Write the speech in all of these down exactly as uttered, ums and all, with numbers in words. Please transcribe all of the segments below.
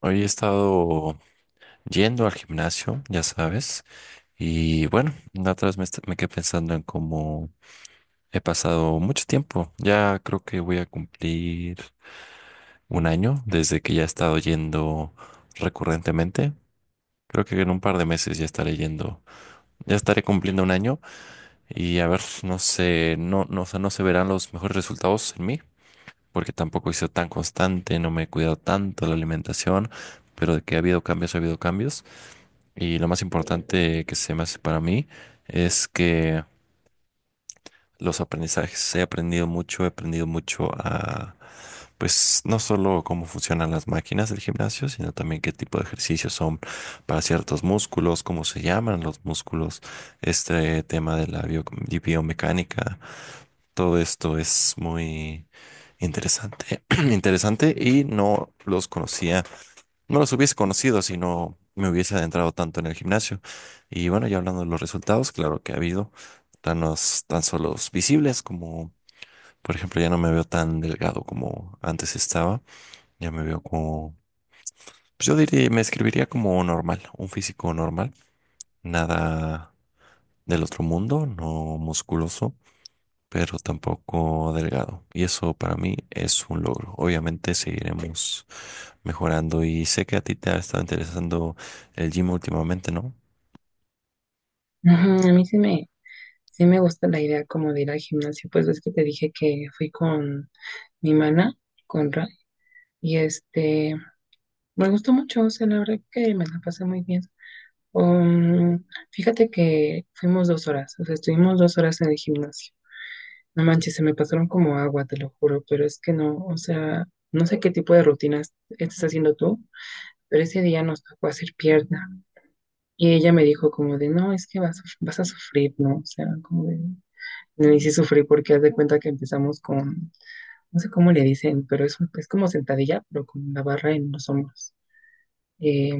Hoy he estado yendo al gimnasio, ya sabes, y bueno, la otra vez me, est- me quedé pensando en cómo he pasado mucho tiempo. Ya creo que voy a cumplir un año desde que ya he estado yendo recurrentemente. Creo que en un par de meses ya estaré yendo, ya estaré cumpliendo un año y a ver, no sé, no, no, o sea, no se verán los mejores resultados en mí, porque tampoco he sido tan constante, no me he cuidado tanto la alimentación, pero de que ha habido cambios, ha habido cambios. Y lo más importante que se me hace para mí es que los aprendizajes, he aprendido mucho, he aprendido mucho a, pues, no solo cómo funcionan las máquinas del gimnasio, sino también qué tipo de ejercicios son para ciertos músculos, cómo se llaman los músculos, este tema de la bio- y biomecánica, todo esto es muy interesante, interesante y no los conocía no los hubiese conocido si no me hubiese adentrado tanto en el gimnasio. Y bueno, ya hablando de los resultados, claro que ha habido planos tan solos visibles como, por ejemplo, ya no me veo tan delgado como antes estaba. Ya me veo como, pues yo diría, me escribiría como normal, un físico normal, nada del otro mundo, no musculoso pero tampoco delgado. Y eso para mí es un logro. Obviamente seguiremos mejorando y sé que a ti te ha estado interesando el gym últimamente, ¿no? Ajá, a mí sí me, sí me gusta la idea como de ir al gimnasio, pues ves que te dije que fui con mi mana, con Ra, y este, me gustó mucho, o sea, la verdad que me la pasé muy bien. Um, Fíjate que fuimos dos horas, o sea, estuvimos dos horas en el gimnasio. No manches, se me pasaron como agua, te lo juro, pero es que no, o sea, no sé qué tipo de rutinas estás haciendo tú, pero ese día nos tocó hacer pierna. Y ella me dijo como de, no, es que vas, a- vas a sufrir, ¿no? O sea, como de... No, y sí sufrí porque haz de cuenta que empezamos con, no sé cómo le dicen, pero es, es como sentadilla, pero con la barra en los hombros. Eh,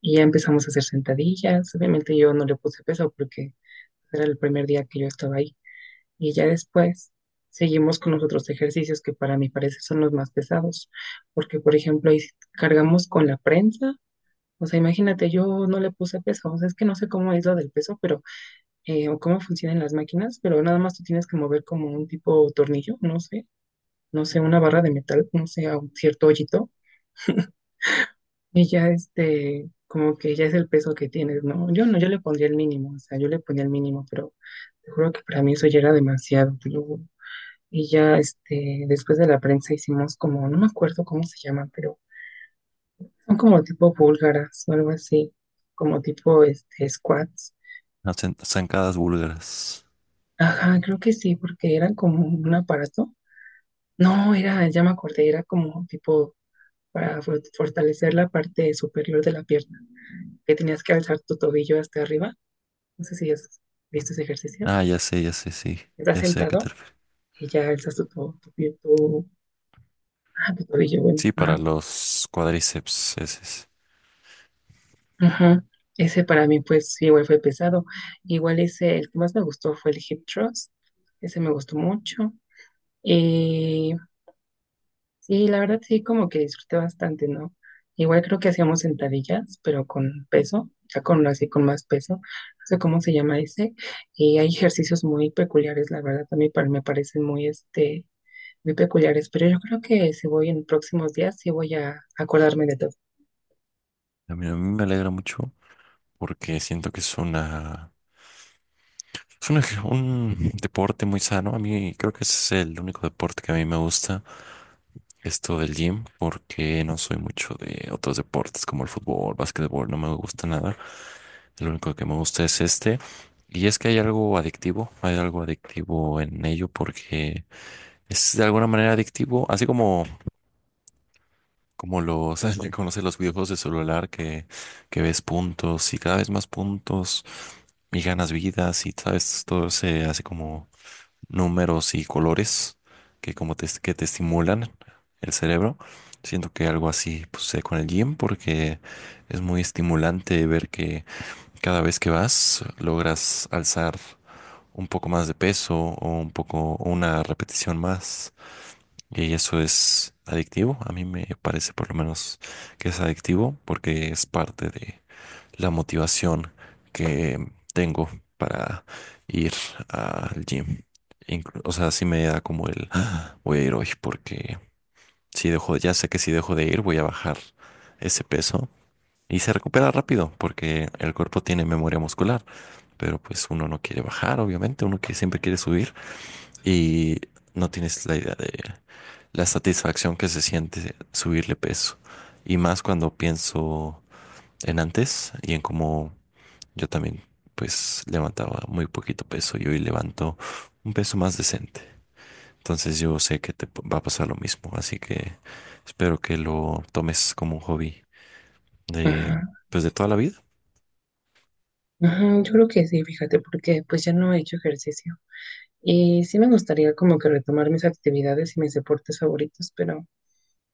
y ya empezamos a hacer sentadillas. Obviamente yo no le puse peso porque era el primer día que yo estaba ahí. Y ya después seguimos con los otros ejercicios que para mi parecer son los más pesados. Porque, por ejemplo, ahí cargamos con la prensa. O sea, imagínate, yo no le puse peso. O sea, es que no sé cómo es lo del peso, pero eh, o cómo funcionan las máquinas, pero nada más tú tienes que mover como un tipo tornillo, no sé, no sé, una barra de metal, no sé, a un cierto hoyito, y ya este, como que ya es el peso que tienes, ¿no? Yo no, yo le pondría el mínimo, o sea, yo le ponía el mínimo, pero te juro que para mí eso ya era demasiado, te lo juro. Y ya este, después de la prensa hicimos como, no me acuerdo cómo se llaman, pero son como tipo búlgaras o algo así, como tipo este, squats. Las zan- zancadas búlgaras. Ajá, creo que sí, porque eran como un aparato. No, era, ya me acordé, era como tipo para for- fortalecer la parte superior de la pierna, que tenías que alzar tu tobillo hasta arriba. No sé si has visto ese ejercicio. Ah, ya sé, ya sé, sí, Estás ya sé a qué te sentado refieres. y ya alzas tu, to- tu, pie- tu- ah, tu tobillo, bueno. Sí, para ah, los cuádriceps, ese es. Ajá. Ese para mí, pues, sí, igual fue pesado. Igual ese, el que más me gustó fue el hip thrust. Ese me gustó mucho. Eh, Sí, la verdad sí, como que disfruté bastante, ¿no? Igual creo que hacíamos sentadillas, pero con peso, ya con así con más peso, no sé cómo se llama ese, y hay ejercicios muy peculiares, la verdad, también para, me parecen muy, este, muy peculiares, pero yo creo que si voy en próximos días, sí voy a acordarme de todo. A mí, a mí me alegra mucho porque siento que es una... Es un, ej- un deporte muy sano. A mí creo que ese es el único deporte que a mí me gusta esto del gym porque no soy mucho de otros deportes como el fútbol, básquetbol, no me gusta nada. Lo único que me gusta es este. Y es que hay algo adictivo, hay algo adictivo en ello porque es de alguna manera adictivo, así como, como los, conoces los videojuegos de celular que, que ves puntos y cada vez más puntos y ganas vidas y sabes, todo se hace como números y colores que como te, que te estimulan el cerebro. Siento que algo así pues, sé con el gym porque es muy estimulante ver que cada vez que vas logras alzar un poco más de peso o un poco o una repetición más y eso es adictivo. A mí me parece por lo menos que es adictivo porque es parte de la motivación que tengo para ir al gym. Inclu- o sea, sí me da como el "Ah, voy a ir hoy porque si dejo, ya sé que si dejo de ir voy a bajar ese peso y se recupera rápido porque el cuerpo tiene memoria muscular, pero pues uno no quiere bajar, obviamente, uno que siempre quiere subir y no tienes la idea de la satisfacción que se siente subirle peso y más cuando pienso en antes y en cómo yo también, pues, levantaba muy poquito peso y hoy levanto un peso más decente. Entonces yo sé que te p- va a pasar lo mismo, así que espero que lo tomes como un hobby de, Ajá, pues, de toda la vida. ajá, yo creo que sí, fíjate, porque pues ya no he hecho ejercicio. Y sí me gustaría como que retomar mis actividades y mis deportes favoritos, pero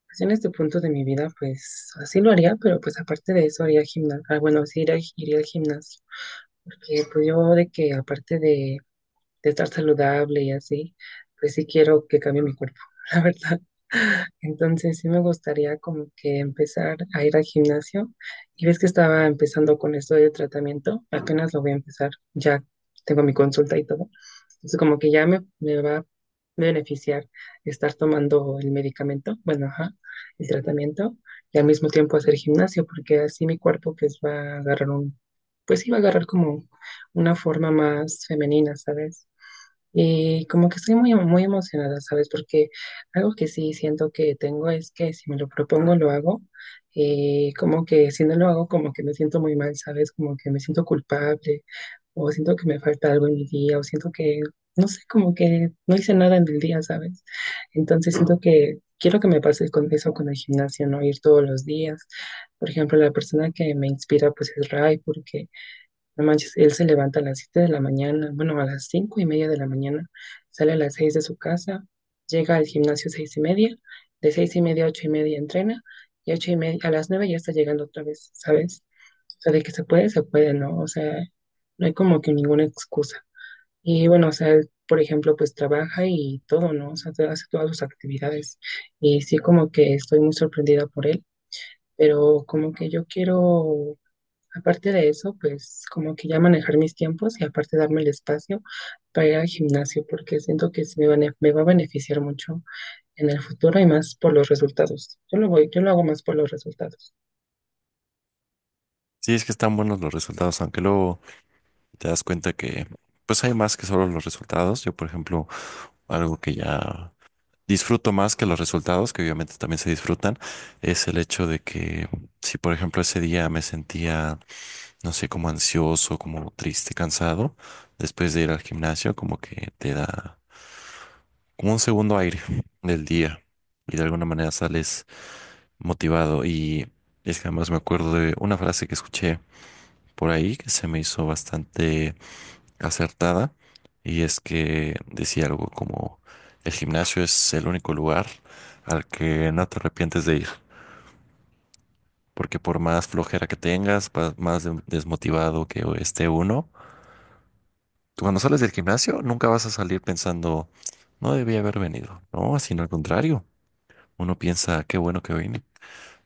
pues en este punto de mi vida, pues así lo haría, pero pues aparte de eso haría gimnasio, bueno, sí iría, iría al gimnasio, porque pues yo de que aparte de de estar saludable y así, pues sí quiero que cambie mi cuerpo, la verdad. Entonces sí me gustaría como que empezar a ir al gimnasio. Y ves que estaba empezando con esto de tratamiento, apenas lo voy a empezar, ya tengo mi consulta y todo. Entonces como que ya me, me va a beneficiar estar tomando el medicamento, bueno, ajá, el tratamiento, y al mismo tiempo hacer gimnasio, porque así mi cuerpo pues va a agarrar un, pues sí va a agarrar como una forma más femenina, ¿sabes? Y como que estoy muy, muy emocionada, ¿sabes? Porque algo que sí siento que tengo es que si me lo propongo, lo hago. Eh, como que si no lo hago, como que me siento muy mal, ¿sabes? Como que me siento culpable o siento que me falta algo en mi día o siento que, no sé, como que no hice nada en el día, ¿sabes? Entonces siento que quiero que me pase con eso, con el gimnasio, ¿no? Ir todos los días. Por ejemplo, la persona que me inspira pues es Ray, porque no manches, él se levanta a las siete de la mañana, bueno, a las cinco y media de la mañana, sale a las seis de su casa, llega al gimnasio seis y media, de seis y media a ocho y media entrena, y ocho y media, a las nueve ya está llegando otra vez, ¿sabes? O sea, de que se puede, se puede, ¿no? O sea, no hay como que ninguna excusa. Y bueno, o sea, él, por ejemplo, pues trabaja y todo, ¿no? O sea, te- hace todas sus actividades. Y sí, como que estoy muy sorprendida por él, pero como que yo quiero. Aparte de eso, pues como que ya manejar mis tiempos y aparte darme el espacio para ir al gimnasio, porque siento que sí me, bene- me va a beneficiar mucho en el futuro y más por los resultados. Yo lo voy, yo lo hago más por los resultados. Sí, es que están buenos los resultados, aunque luego te das cuenta que, pues, hay más que solo los resultados. Yo, por ejemplo, algo que ya disfruto más que los resultados, que obviamente también se disfrutan, es el hecho de que si, por ejemplo, ese día me sentía no sé, como ansioso, como triste, cansado, después de ir al gimnasio, como que te da como un segundo aire del día y de alguna manera sales motivado. Y es que además me acuerdo de una frase que escuché por ahí que se me hizo bastante acertada y es que decía algo como el gimnasio es el único lugar al que no te arrepientes de ir. Porque por más flojera que tengas, pa- más de- desmotivado que esté uno, tú cuando sales del gimnasio nunca vas a salir pensando, no debía haber venido. No, sino al contrario. Uno piensa, qué bueno que vine.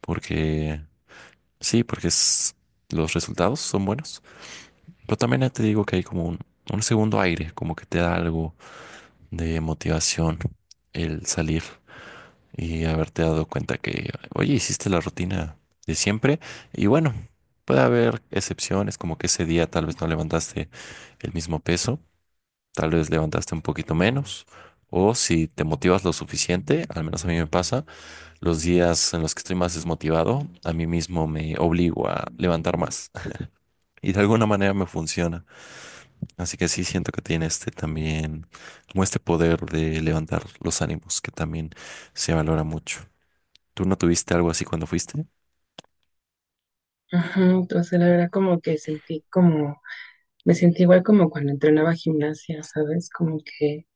Porque sí, porque es- Los resultados son buenos. Pero también te digo que hay como un, un segundo aire, como que te da algo de motivación el salir y haberte dado cuenta que, oye, hiciste la rutina de siempre. Y bueno, puede haber excepciones, como que ese día tal vez no levantaste el mismo peso, tal vez levantaste un poquito menos, o si te motivas lo suficiente, al menos a mí me pasa, los días en los que estoy más desmotivado, a mí mismo me obligo a levantar más y de alguna manera me funciona. Así que sí siento que tiene este también, como este poder de levantar los ánimos que también se valora mucho. ¿Tú no tuviste algo así cuando fuiste? Ujú, entonces la verdad como que sentí como, me sentí igual como cuando entrenaba gimnasia, ¿sabes? Como que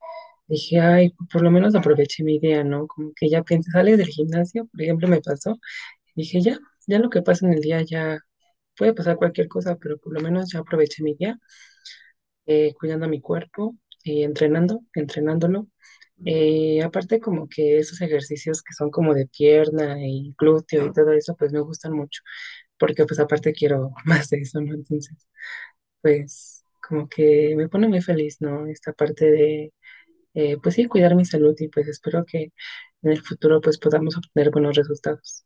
dije, ay, por lo menos aproveché mi día, ¿no? Como que ya piensas, sales del gimnasio, por ejemplo, me pasó, dije, ya, ya lo que pasa en el día ya puede pasar cualquier cosa, pero por lo menos ya aproveché mi día, eh, cuidando mi cuerpo y entrenando, entrenándolo. Eh, aparte como que esos ejercicios que son como de pierna y glúteo y todo eso, pues me gustan mucho, porque pues aparte quiero más de eso, ¿no? Entonces, pues como que me pone muy feliz, ¿no? Esta parte de, eh, pues sí, cuidar mi salud y pues espero que en el futuro pues podamos obtener buenos resultados.